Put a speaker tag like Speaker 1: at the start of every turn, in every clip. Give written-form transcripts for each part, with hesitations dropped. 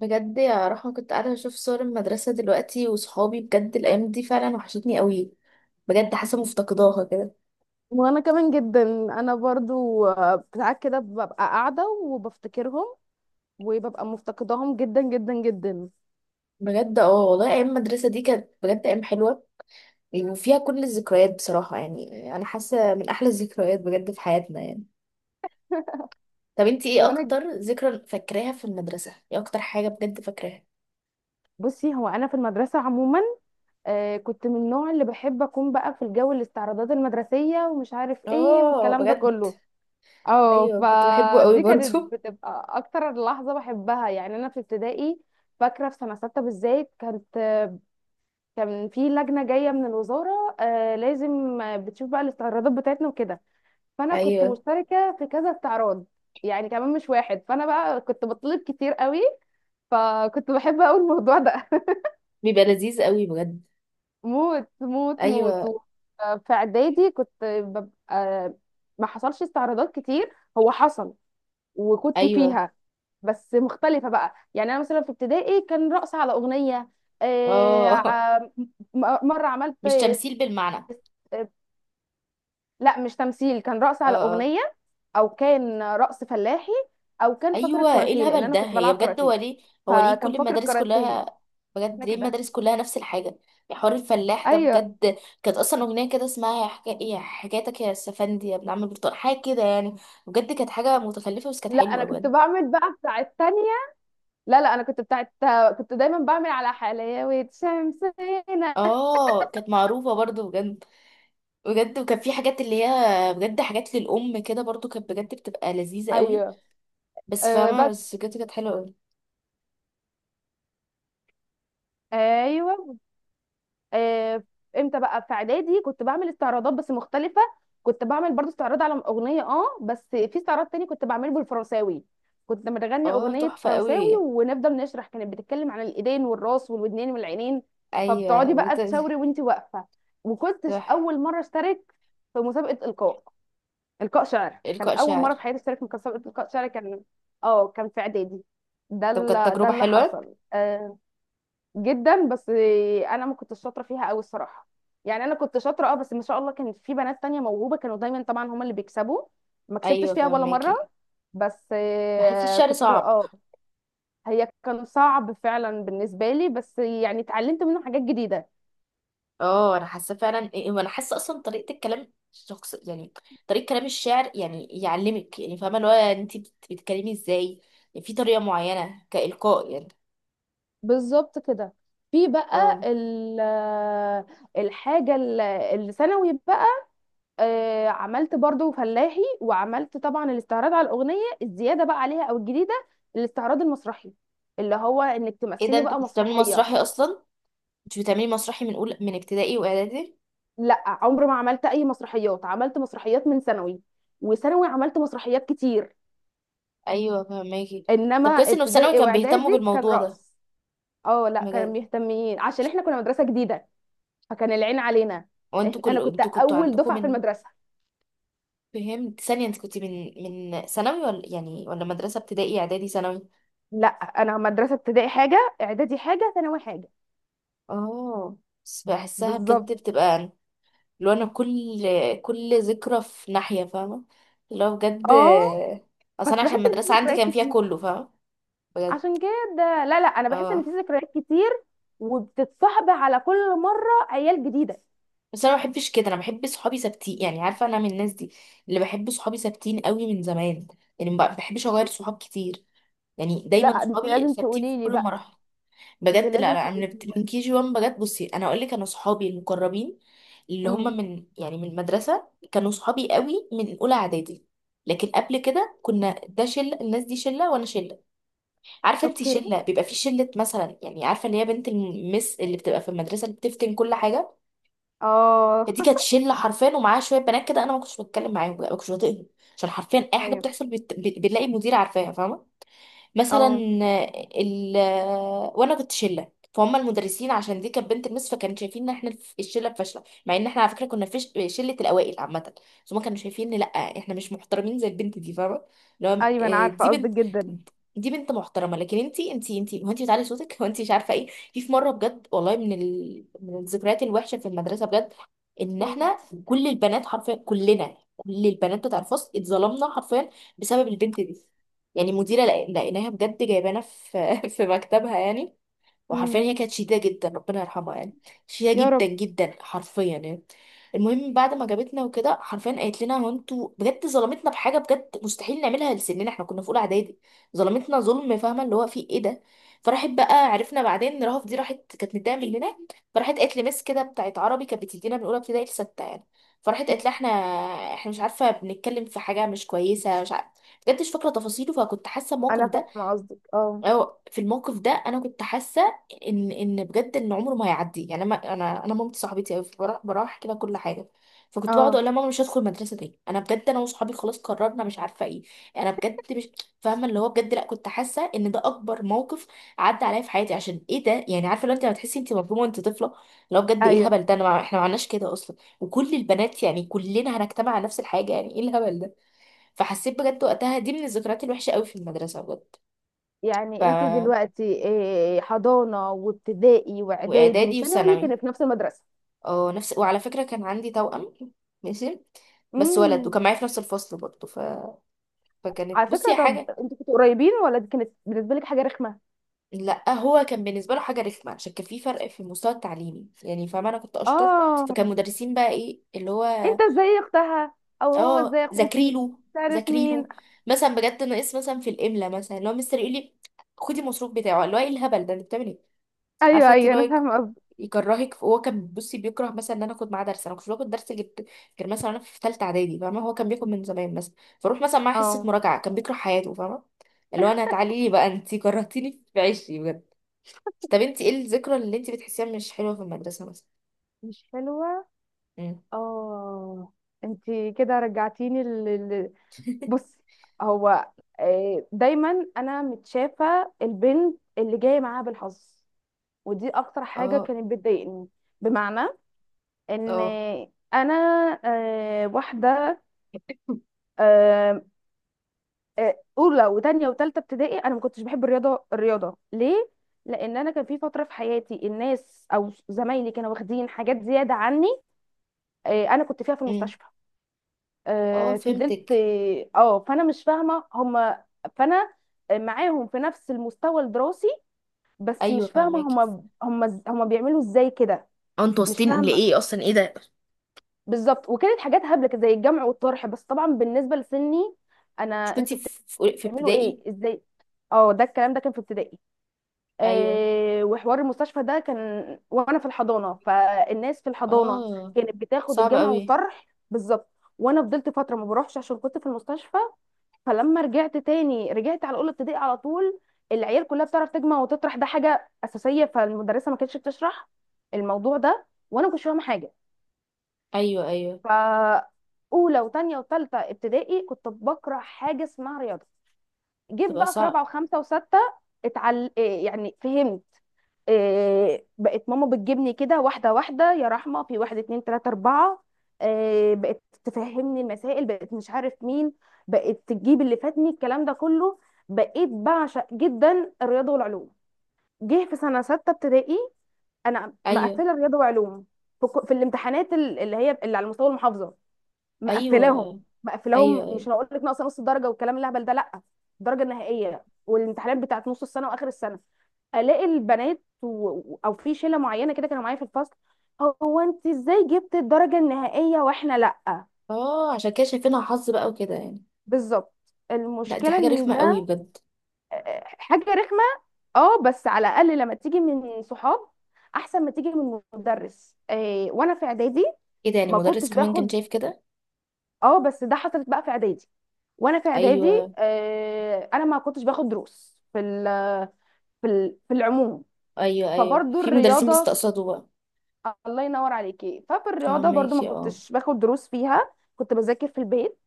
Speaker 1: بجد يا رحمة، كنت قاعدة بشوف صور المدرسة دلوقتي وصحابي. بجد الأيام دي فعلا وحشتني قوي. بجد حاسة مفتقداها كده.
Speaker 2: وانا كمان جدا. انا برضو ساعات كده ببقى قاعده وبفتكرهم، وببقى مفتقداهم جدا جدا جدا.
Speaker 1: بجد اه والله، أيام المدرسة دي كانت بجد أيام حلوة يعني، وفيها كل الذكريات. بصراحة يعني أنا حاسة من أحلى الذكريات بجد في حياتنا يعني. طب انتي ايه
Speaker 2: وانا ج-
Speaker 1: أكتر ذكرى فاكراها في المدرسة؟ ايه أكتر حاجة بجد فاكراها؟
Speaker 2: بصي، هو انا في المدرسه عموما، كنت من النوع اللي بحب اكون بقى في الجو، الاستعراضات المدرسيه ومش عارف ايه
Speaker 1: اه
Speaker 2: والكلام ده
Speaker 1: بجد.
Speaker 2: كله. اه،
Speaker 1: أيوه كنت بحبه قوي
Speaker 2: فدي
Speaker 1: برضو.
Speaker 2: كانت بتبقى اكتر لحظه بحبها، يعني انا في ابتدائي. فاكره في سنه سته بالذات كانت، كان في لجنه جايه من الوزاره، لازم بتشوف بقى الاستعراضات بتاعتنا وكده. فانا كنت
Speaker 1: أيوه.
Speaker 2: مشتركه في كذا استعراض، يعني كمان مش واحد. فانا بقى كنت بطلب كتير قوي، فكنت بحب اقول الموضوع ده.
Speaker 1: بيبقى لذيذ قوي بجد.
Speaker 2: موت موت موت.
Speaker 1: أيوه.
Speaker 2: في اعدادي كنت ببقى، ما حصلش استعراضات كتير. هو حصل، وكنت
Speaker 1: أيوه.
Speaker 2: فيها بس مختلفة بقى. يعني أنا مثلا في ابتدائي كان رقص على أغنية. آه،
Speaker 1: اه.
Speaker 2: ع- مرة عملت.
Speaker 1: مش تمثيل بالمعنى.
Speaker 2: لا، مش تمثيل، كان رقص على
Speaker 1: اه.
Speaker 2: اغنيه. او كان رقص فلاحي، او كان فقرة
Speaker 1: ايوه، ايه
Speaker 2: كاراتيه لان
Speaker 1: الهبل
Speaker 2: انا
Speaker 1: ده؟
Speaker 2: كنت
Speaker 1: هي
Speaker 2: بلعب
Speaker 1: بجد، هو
Speaker 2: كاراتيه.
Speaker 1: ليه؟ هو ليه
Speaker 2: فكان
Speaker 1: كل
Speaker 2: فقرة
Speaker 1: المدارس
Speaker 2: كاراتيه.
Speaker 1: كلها؟ بجد
Speaker 2: احنا
Speaker 1: ليه
Speaker 2: كده.
Speaker 1: المدارس كلها نفس الحاجه؟ يا حوار الفلاح ده
Speaker 2: ايوه.
Speaker 1: بجد. كانت اصلا اغنيه كده اسمها يا حكايتك يا السفندي يا ابن عم البرتقال، حاجه كده يعني. بجد كانت حاجه متخلفه، بس كانت
Speaker 2: لا، انا
Speaker 1: حلوه
Speaker 2: كنت
Speaker 1: بجد.
Speaker 2: بعمل بقى بتاع التانية. لا، لا، انا كنت بتاعت، كنت دايما بعمل على حلاوة شمسنا.
Speaker 1: اه كانت معروفه برضو بجد. بجد وكان في حاجات اللي هي بجد حاجات للام كده برضو، كانت بجد بتبقى لذيذه قوي.
Speaker 2: ايوه.
Speaker 1: بس
Speaker 2: أه،
Speaker 1: فاهمه،
Speaker 2: بس.
Speaker 1: بس بجد كانت حلوه قوي.
Speaker 2: ايوه. آه، امتى بقى، في اعدادي كنت بعمل استعراضات بس مختلفه. كنت بعمل برضو استعراض على اغنيه، اه بس في استعراض تاني كنت بعمله بالفرنساوي. كنت بنغني
Speaker 1: اه
Speaker 2: اغنيه
Speaker 1: تحفه
Speaker 2: فرنساوي
Speaker 1: قوي.
Speaker 2: ونفضل نشرح، كانت بتتكلم عن الايدين والراس والودنين والعينين.
Speaker 1: ايوه
Speaker 2: فبتقعدي بقى
Speaker 1: بجد.
Speaker 2: تشاوري وانت واقفه. وكنت
Speaker 1: تحفه.
Speaker 2: اول مره اشترك في مسابقه القاء، القاء شعر. كان
Speaker 1: القاء
Speaker 2: اول
Speaker 1: شعر؟
Speaker 2: مره في حياتي اشترك في مسابقه القاء شعر. كان في اعدادي. ده
Speaker 1: طب كانت
Speaker 2: اللي ده
Speaker 1: تجربه
Speaker 2: اللي
Speaker 1: حلوه.
Speaker 2: حصل. جدا، بس انا ما كنتش شاطره فيها قوي الصراحه. يعني انا كنت شاطره، اه بس ما شاء الله كان في بنات تانية موهوبه، كانوا دايما طبعا هما اللي بيكسبوا. ما كسبتش
Speaker 1: ايوه
Speaker 2: فيها ولا
Speaker 1: فهماكي.
Speaker 2: مره. بس
Speaker 1: بحس الشعر
Speaker 2: كنت
Speaker 1: صعب.
Speaker 2: اه. هي كان صعب فعلا بالنسبه لي، بس يعني اتعلمت منه حاجات جديده.
Speaker 1: اه انا حاسه فعلا، إيه، وانا حاسه اصلا طريقه الكلام شخص يعني، طريقه كلام الشعر يعني يعلمك، يعني فاهمه اللي هو انت بتتكلمي ازاي، يعني في طريقه معينه كالقاء يعني.
Speaker 2: بالظبط كده. في بقى
Speaker 1: اه.
Speaker 2: الحاجه الثانوي بقى. عملت برضو فلاحي، وعملت طبعا الاستعراض على الاغنيه الزياده بقى عليها او الجديده. الاستعراض المسرحي اللي هو انك
Speaker 1: ايه ده؟
Speaker 2: تمثلي
Speaker 1: انت
Speaker 2: بقى
Speaker 1: كنت بتعملي
Speaker 2: مسرحيه.
Speaker 1: مسرحي اصلا؟ كنت بتعملي مسرحي من اول، من ابتدائي واعدادي؟
Speaker 2: لا، عمري ما عملت اي مسرحيات. عملت مسرحيات من ثانوي، وثانوي عملت مسرحيات كتير.
Speaker 1: ايوه فهماكي.
Speaker 2: انما
Speaker 1: طب كويس انه في ثانوي
Speaker 2: ابتدائي
Speaker 1: كان بيهتموا
Speaker 2: واعدادي كان
Speaker 1: بالموضوع ده.
Speaker 2: رقص. اه، لا كانوا
Speaker 1: بجد.
Speaker 2: مهتمين عشان احنا كنا مدرسه جديده. فكان العين علينا.
Speaker 1: وانتوا كل
Speaker 2: انا كنت
Speaker 1: انتوا كنتوا
Speaker 2: اول
Speaker 1: عندكم
Speaker 2: دفعه في
Speaker 1: من؟
Speaker 2: المدرسه.
Speaker 1: فهمت ثانيه، انت كنت من، من ثانوي ولا يعني، ولا مدرسه ابتدائي اعدادي ثانوي؟
Speaker 2: لا، انا مدرسه ابتدائي حاجه، اعدادي حاجه، ثانوي حاجه.
Speaker 1: اه بس بحسها
Speaker 2: بالظبط.
Speaker 1: بجد بتبقى، لو انا كل ذكرى في ناحية فاهمة، اللي هو بجد.
Speaker 2: اه،
Speaker 1: اصلا أنا
Speaker 2: بس بحس
Speaker 1: عشان
Speaker 2: ان في
Speaker 1: المدرسة عندي
Speaker 2: ذكريات
Speaker 1: كان فيها
Speaker 2: كتير.
Speaker 1: كله فاهمة. بجد.
Speaker 2: عشان كده، لا، لا، انا بحس ان
Speaker 1: اه
Speaker 2: في ذكريات كتير. وبتتصاحب على كل مره عيال جديده.
Speaker 1: بس انا ما بحبش كده، انا بحب صحابي ثابتين يعني، عارفة انا من الناس دي اللي بحب صحابي ثابتين قوي من زمان، يعني ما بحبش اغير صحاب كتير، يعني
Speaker 2: لا،
Speaker 1: دايما
Speaker 2: انت
Speaker 1: صحابي
Speaker 2: لازم
Speaker 1: ثابتين في
Speaker 2: تقولي لي
Speaker 1: كل
Speaker 2: بقى.
Speaker 1: المراحل.
Speaker 2: انت
Speaker 1: بجد لا
Speaker 2: لازم
Speaker 1: لا، انا
Speaker 2: تقولي
Speaker 1: من
Speaker 2: لي.
Speaker 1: من كي جي 1 بجد. بصي انا اقول لك، انا صحابي المقربين اللي هم
Speaker 2: امم.
Speaker 1: من، يعني من المدرسه، كانوا صحابي قوي من اولى اعدادي، لكن قبل كده كنا، ده شله الناس دي شله وانا شله. عارفه انت
Speaker 2: اوكي.
Speaker 1: شله بيبقى في شله مثلا، يعني عارفه اللي هي بنت المس اللي بتبقى في المدرسه اللي بتفتن كل حاجه.
Speaker 2: اه.
Speaker 1: فدي كانت شله حرفيا، ومعاها شويه بنات كده انا ما كنتش بتكلم معاهم بقى، ما كنتش بطيقهم. عشان حرفيا اي حاجه
Speaker 2: ايوه.
Speaker 1: بتحصل بنلاقي مدير عارفاها فاهمه. مثلا.
Speaker 2: اه.
Speaker 1: ال وانا كنت شله. فهم المدرسين عشان دي كانت بنت المس، فكانوا شايفين ان احنا الشله فاشله، مع ان احنا على فكره كنا فيش شله الاوائل عامه. بس هم كانوا شايفين ان لا، احنا مش محترمين زي البنت دي فاهمه. لو،
Speaker 2: ايوه، انا
Speaker 1: دي
Speaker 2: عارفه قصدك
Speaker 1: بنت
Speaker 2: جدا.
Speaker 1: دي بنت محترمه، لكن انتي، هو انتي بتعلي صوتك، هو انتي مش عارفه ايه. في في مره بجد والله، من الذكريات الوحشه في المدرسه بجد، ان
Speaker 2: مم.
Speaker 1: احنا، كل البنات حرفيا، كلنا كل البنات بتاع الفصل اتظلمنا حرفيا بسبب البنت دي. يعني مديرة لقيناها بجد جايبانا في في مكتبها يعني، وحرفيا
Speaker 2: مم.
Speaker 1: هي كانت شديده جدا، ربنا يرحمها يعني. شديده
Speaker 2: يا
Speaker 1: جدا
Speaker 2: رب.
Speaker 1: جدا حرفيا يعني. المهم بعد ما جابتنا وكده، حرفيا قالت لنا هو انتوا بجد ظلمتنا بحاجه بجد مستحيل نعملها لسننا، احنا كنا في اولى اعدادي. ظلمتنا ظلم فاهمه، اللي هو في ايه ده. فراحت بقى، عرفنا بعدين ان رهف دي راحت كانت متضايقه مننا، فراحت قالت لمس كده بتاعت عربي كانت بتدينا من اولى ابتدائي لسته يعني، فراحت
Speaker 2: مم.
Speaker 1: قالت لها احنا، احنا مش عارفه بنتكلم في حاجه مش كويسه مش عارفه، بجد مش فاكره تفاصيله. فكنت حاسه الموقف
Speaker 2: انا
Speaker 1: ده،
Speaker 2: فاهمه قصدك، اه.
Speaker 1: أو في الموقف ده انا كنت حاسه ان ان بجد ان عمره ما هيعدي يعني. انا مامتي صاحبتي قوي، بروح بروح أحكي لها كل حاجه. فكنت بقعد اقول
Speaker 2: اه.
Speaker 1: لها ماما مش هدخل مدرسه تاني، انا بجد، انا وصحابي خلاص قررنا مش عارفه ايه. انا بجد مش فاهمه اللي هو بجد، لا كنت حاسه ان ده اكبر موقف عدى عليا في حياتي عشان ايه ده يعني. عارفه لو انت لما تحسي انت مظلومه وانت طفله، لو بجد، ايه
Speaker 2: ايوه.
Speaker 1: الهبل ده؟ انا احنا ما عملناش كده اصلا، وكل البنات يعني كلنا هنجتمع على نفس الحاجه يعني، ايه الهبل ده. فحسيت بجد وقتها دي من الذكريات الوحشه قوي في المدرسه بجد. ف،
Speaker 2: يعني انت دلوقتي إيه، حضانه وابتدائي واعدادي
Speaker 1: واعدادي
Speaker 2: وثانوي
Speaker 1: وثانوي.
Speaker 2: كانت في نفس المدرسه؟
Speaker 1: اه نفس. وعلى فكره كان عندي توأم. ماشي. بس ولد
Speaker 2: مم.
Speaker 1: وكان معايا في نفس الفصل برضه ف...
Speaker 2: على
Speaker 1: فكانت، بصي
Speaker 2: فكرة،
Speaker 1: يا
Speaker 2: طب
Speaker 1: حاجه.
Speaker 2: انتوا كنتوا قريبين ولا دي كانت بالنسبة لك حاجة رخمة؟
Speaker 1: لا هو كان بالنسبه له حاجه رخمه عشان كان في فرق في المستوى التعليمي يعني، فاهمه انا كنت اشطر.
Speaker 2: اه،
Speaker 1: فكان مدرسين بقى، ايه اللي هو.
Speaker 2: انت ازاي اختها، او هو
Speaker 1: اه
Speaker 2: ازاي اخوكي؟
Speaker 1: ذاكري له.
Speaker 2: مش عارف
Speaker 1: ذاكري
Speaker 2: مين.
Speaker 1: له مثلا بجد، ناقص مثلا في الاملا، مثلا اللي هو مستر يقول لي خدي المصروف بتاعه، اللي هو ايه الهبل ده انت بتعمل ايه. عارفه
Speaker 2: ايوه،
Speaker 1: انت
Speaker 2: ايوه،
Speaker 1: اللي هو
Speaker 2: انا فاهمة قصدي.
Speaker 1: يكرهك. هو كان، بصي بيكره مثلا ان انا اخد معاه درس، انا كنت باخد درس غير، مثلا انا في ثالثه اعدادي فاهمه، هو كان بياخد من زمان مثلا. فاروح مثلا معاه حصه
Speaker 2: اه.
Speaker 1: مراجعه كان بيكره حياته فاهمه، اللي هو انا تعالي لي بقى، انت كرهتيني في عيشي بجد. طب انت ايه الذكرى اللي انت بتحسيها مش حلوه في المدرسه مثلا؟
Speaker 2: مش حلوة.
Speaker 1: امم.
Speaker 2: اه. انتي كده رجعتيني. بصي، هو دايما انا متشافة البنت اللي جاية معاها بالحظ. ودي اكتر حاجة
Speaker 1: اه.
Speaker 2: كانت بتضايقني. بمعنى ان
Speaker 1: اه.
Speaker 2: انا واحدة. آه، اولى وتانية وتالتة ابتدائي انا ما كنتش بحب الرياضه. الرياضه ليه؟ لان انا كان في فتره في حياتي الناس او زمايلي كانوا واخدين حاجات زياده عني. انا كنت فيها في
Speaker 1: امم.
Speaker 2: المستشفى.
Speaker 1: اه
Speaker 2: فضلت
Speaker 1: فهمتك.
Speaker 2: اه فانا مش فاهمه هم. فانا معاهم في نفس المستوى الدراسي، بس
Speaker 1: ايوه
Speaker 2: مش فاهمه
Speaker 1: فهماكي.
Speaker 2: هم بيعملوا ازاي كده.
Speaker 1: اه انتوا
Speaker 2: مش
Speaker 1: واصلين
Speaker 2: فاهمه.
Speaker 1: لايه اصلا؟ ايه ده؟
Speaker 2: بالظبط، وكانت حاجات هبله كده زي الجمع والطرح بس طبعا بالنسبه لسني. انا،
Speaker 1: مش كنتي
Speaker 2: انتوا
Speaker 1: في في
Speaker 2: بتعملوا
Speaker 1: ابتدائي؟
Speaker 2: ايه، ازاي؟ اه، ده الكلام ده كان في ابتدائي.
Speaker 1: ايوه.
Speaker 2: وحوار المستشفى ده كان وانا في الحضانه. فالناس في الحضانه
Speaker 1: اه.
Speaker 2: كانت بتاخد
Speaker 1: صعب
Speaker 2: الجمع
Speaker 1: قوي.
Speaker 2: والطرح. بالظبط. وانا فضلت فتره ما بروحش عشان كنت في المستشفى. فلما رجعت تاني رجعت على اولى ابتدائي على طول. العيال كلها بتعرف تجمع وتطرح، ده حاجه اساسيه، فالمدرسه ما كانتش بتشرح الموضوع ده، وانا ما كنتش فاهمه حاجه.
Speaker 1: ايوه. ايوه.
Speaker 2: ف اولى وتانية وتالتة ابتدائي كنت بكره حاجه اسمها رياضه. جيت
Speaker 1: تبقى
Speaker 2: بقى في رابعه
Speaker 1: صعب.
Speaker 2: وخمسه وسته، إيه يعني فهمت، إيه، بقت ماما بتجيبني كده واحده واحده، يا رحمه في واحد اتنين تلاته اربعه. إيه، بقت تفهمني المسائل، بقت مش عارف مين. بقت تجيب اللي فاتني الكلام ده كله. بقيت بعشق جدا الرياضه والعلوم. جه في سنه سته ابتدائي انا
Speaker 1: ايوه.
Speaker 2: مقفله رياضه وعلوم. في الامتحانات اللي هي اللي على مستوى المحافظه.
Speaker 1: ايوه.
Speaker 2: مقفلاهم.
Speaker 1: ايوه.
Speaker 2: مقفلاهم،
Speaker 1: ايوه.
Speaker 2: مش هقول لك ناقصه نص درجه والكلام الهبل ده لا. الدرجه النهائيه، والامتحانات بتاعت نص السنه واخر السنه. الاقي البنات او في شله معينه كده كانوا معايا في الفصل. هو انت ازاي جبت الدرجه النهائيه واحنا لا؟
Speaker 1: اه عشان كده شايفينها حظ بقى وكده يعني.
Speaker 2: بالظبط.
Speaker 1: لا دي
Speaker 2: المشكله
Speaker 1: حاجه
Speaker 2: ان
Speaker 1: رخمه قوي
Speaker 2: ده.
Speaker 1: بجد.
Speaker 2: حاجه رخمه. اه، بس على الاقل لما تيجي من صحاب احسن ما تيجي من مدرس. وانا في اعدادي
Speaker 1: ايه ده يعني
Speaker 2: ما
Speaker 1: مدرس
Speaker 2: كنتش
Speaker 1: كمان كان
Speaker 2: باخد.
Speaker 1: شايف كده؟
Speaker 2: اه، بس ده حصلت بقى في اعدادي. وانا في اعدادي،
Speaker 1: ايوه.
Speaker 2: انا ما كنتش باخد دروس في العموم.
Speaker 1: ايوه. ايوه
Speaker 2: فبرضو
Speaker 1: في مدرسين
Speaker 2: الرياضه.
Speaker 1: بيستقصدوا بقى.
Speaker 2: الله ينور عليكي، ففي الرياضه برضو ما
Speaker 1: فهماكي اه.
Speaker 2: كنتش باخد دروس فيها. كنت بذاكر في البيت.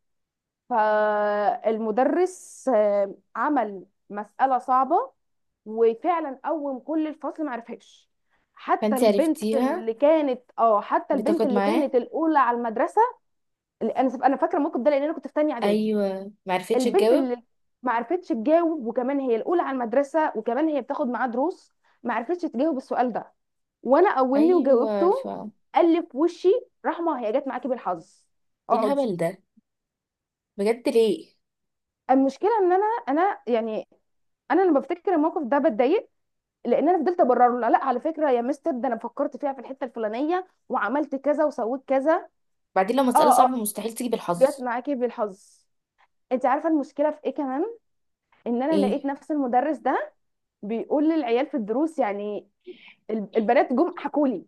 Speaker 2: فالمدرس عمل مساله صعبه، وفعلا قوم كل الفصل معرفهاش.
Speaker 1: فانت عرفتيها
Speaker 2: حتى البنت
Speaker 1: بتاخد
Speaker 2: اللي
Speaker 1: معاه.
Speaker 2: كانت الاولى على المدرسه. انا فاكره الموقف ده لان انا كنت في تانية اعدادي.
Speaker 1: ايوه معرفتش
Speaker 2: البنت
Speaker 1: تجاوب.
Speaker 2: اللي ما عرفتش تجاوب، وكمان هي الاولى على المدرسه، وكمان هي بتاخد معاه دروس. ما عرفتش تجاوب السؤال ده، وانا قومني
Speaker 1: ايوه ف،
Speaker 2: وجاوبته. قال لي في وشي: رحمه هي جت معاكي بالحظ،
Speaker 1: ايه
Speaker 2: اقعدي.
Speaker 1: الهبل ده بجد ليه؟
Speaker 2: المشكله ان انا يعني، انا لما بفتكر الموقف ده بتضايق. لان انا فضلت ابرر له، لا على فكره يا مستر ده انا فكرت فيها في الحته الفلانيه وعملت كذا وسويت كذا.
Speaker 1: بعدين لو مساله
Speaker 2: اه،
Speaker 1: صعبه
Speaker 2: اه،
Speaker 1: مستحيل تيجي
Speaker 2: جت
Speaker 1: بالحظ.
Speaker 2: معاكي بالحظ. انت عارفه المشكله في ايه كمان؟ ان انا
Speaker 1: ايه.
Speaker 2: لقيت نفس المدرس ده بيقول للعيال في الدروس يعني. البنات جم حكوا لي،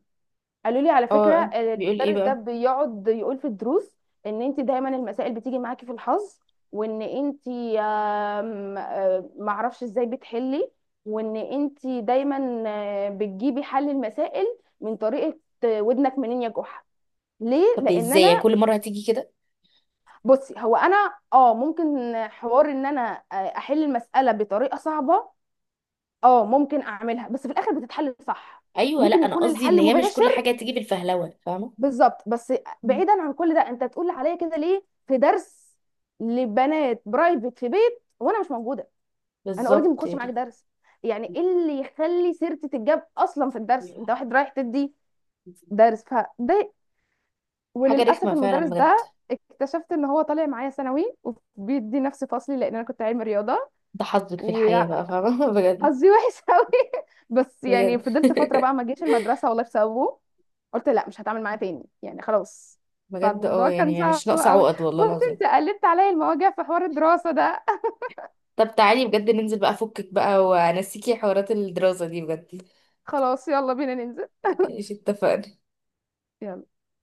Speaker 2: قالوا لي على فكره
Speaker 1: اه بيقول ايه
Speaker 2: المدرس ده
Speaker 1: بقى؟
Speaker 2: بيقعد يقول في الدروس ان انت دايما المسائل بتيجي معاكي في الحظ، وان انت آم، آم، معرفش ازاي بتحلي، وان انت دايما بتجيبي حل المسائل من طريقه. ودنك منين يا جحا؟ ليه
Speaker 1: طب
Speaker 2: لان
Speaker 1: ازاي يعني
Speaker 2: انا.
Speaker 1: كل مره هتيجي كده؟
Speaker 2: بصي هو انا اه ممكن، حوار ان انا احل المساله بطريقه صعبه، اه ممكن اعملها بس في الاخر بتتحل صح.
Speaker 1: ايوه لا
Speaker 2: ممكن
Speaker 1: انا
Speaker 2: يكون
Speaker 1: قصدي ان
Speaker 2: الحل
Speaker 1: هي مش كل
Speaker 2: مباشر.
Speaker 1: حاجه تيجي بالفهلوه فاهمه.
Speaker 2: بالظبط، بس
Speaker 1: مم.
Speaker 2: بعيدا عن كل ده، انت تقول عليا كده ليه في درس لبنات برايفت في بيت وانا مش موجوده؟ انا اوريدي ما
Speaker 1: بالظبط
Speaker 2: باخدش معاك
Speaker 1: يعني.
Speaker 2: درس. يعني ايه اللي يخلي سيرتي تتجاب اصلا في الدرس؟ انت واحد رايح تدي درس، فده.
Speaker 1: حاجه رخمه
Speaker 2: وللاسف
Speaker 1: فعلا
Speaker 2: المدرس
Speaker 1: بجد.
Speaker 2: ده اكتشفت ان هو طالع معايا ثانوي، وبيدي نفس فصلي لان انا كنت علمي رياضه.
Speaker 1: ده حظك في
Speaker 2: و...
Speaker 1: الحياه بقى فاهمه بجد.
Speaker 2: حظي وحش قوي. بس يعني
Speaker 1: بجد
Speaker 2: فضلت فتره بقى ما جيش المدرسه والله بسببه. قلت لا، مش هتعامل معاه تاني يعني خلاص.
Speaker 1: بجد اه،
Speaker 2: فالموضوع كان
Speaker 1: يعني
Speaker 2: صعب
Speaker 1: مش ناقصه
Speaker 2: قوي.
Speaker 1: عقد والله
Speaker 2: بص،
Speaker 1: العظيم.
Speaker 2: انت قلبت عليا المواجع في حوار الدراسه ده.
Speaker 1: طب تعالي بجد ننزل بقى فكك بقى وانسيكي حوارات الدراسه دي بجد.
Speaker 2: خلاص، يلا بينا ننزل.
Speaker 1: ماشي اتفقنا.
Speaker 2: يلا.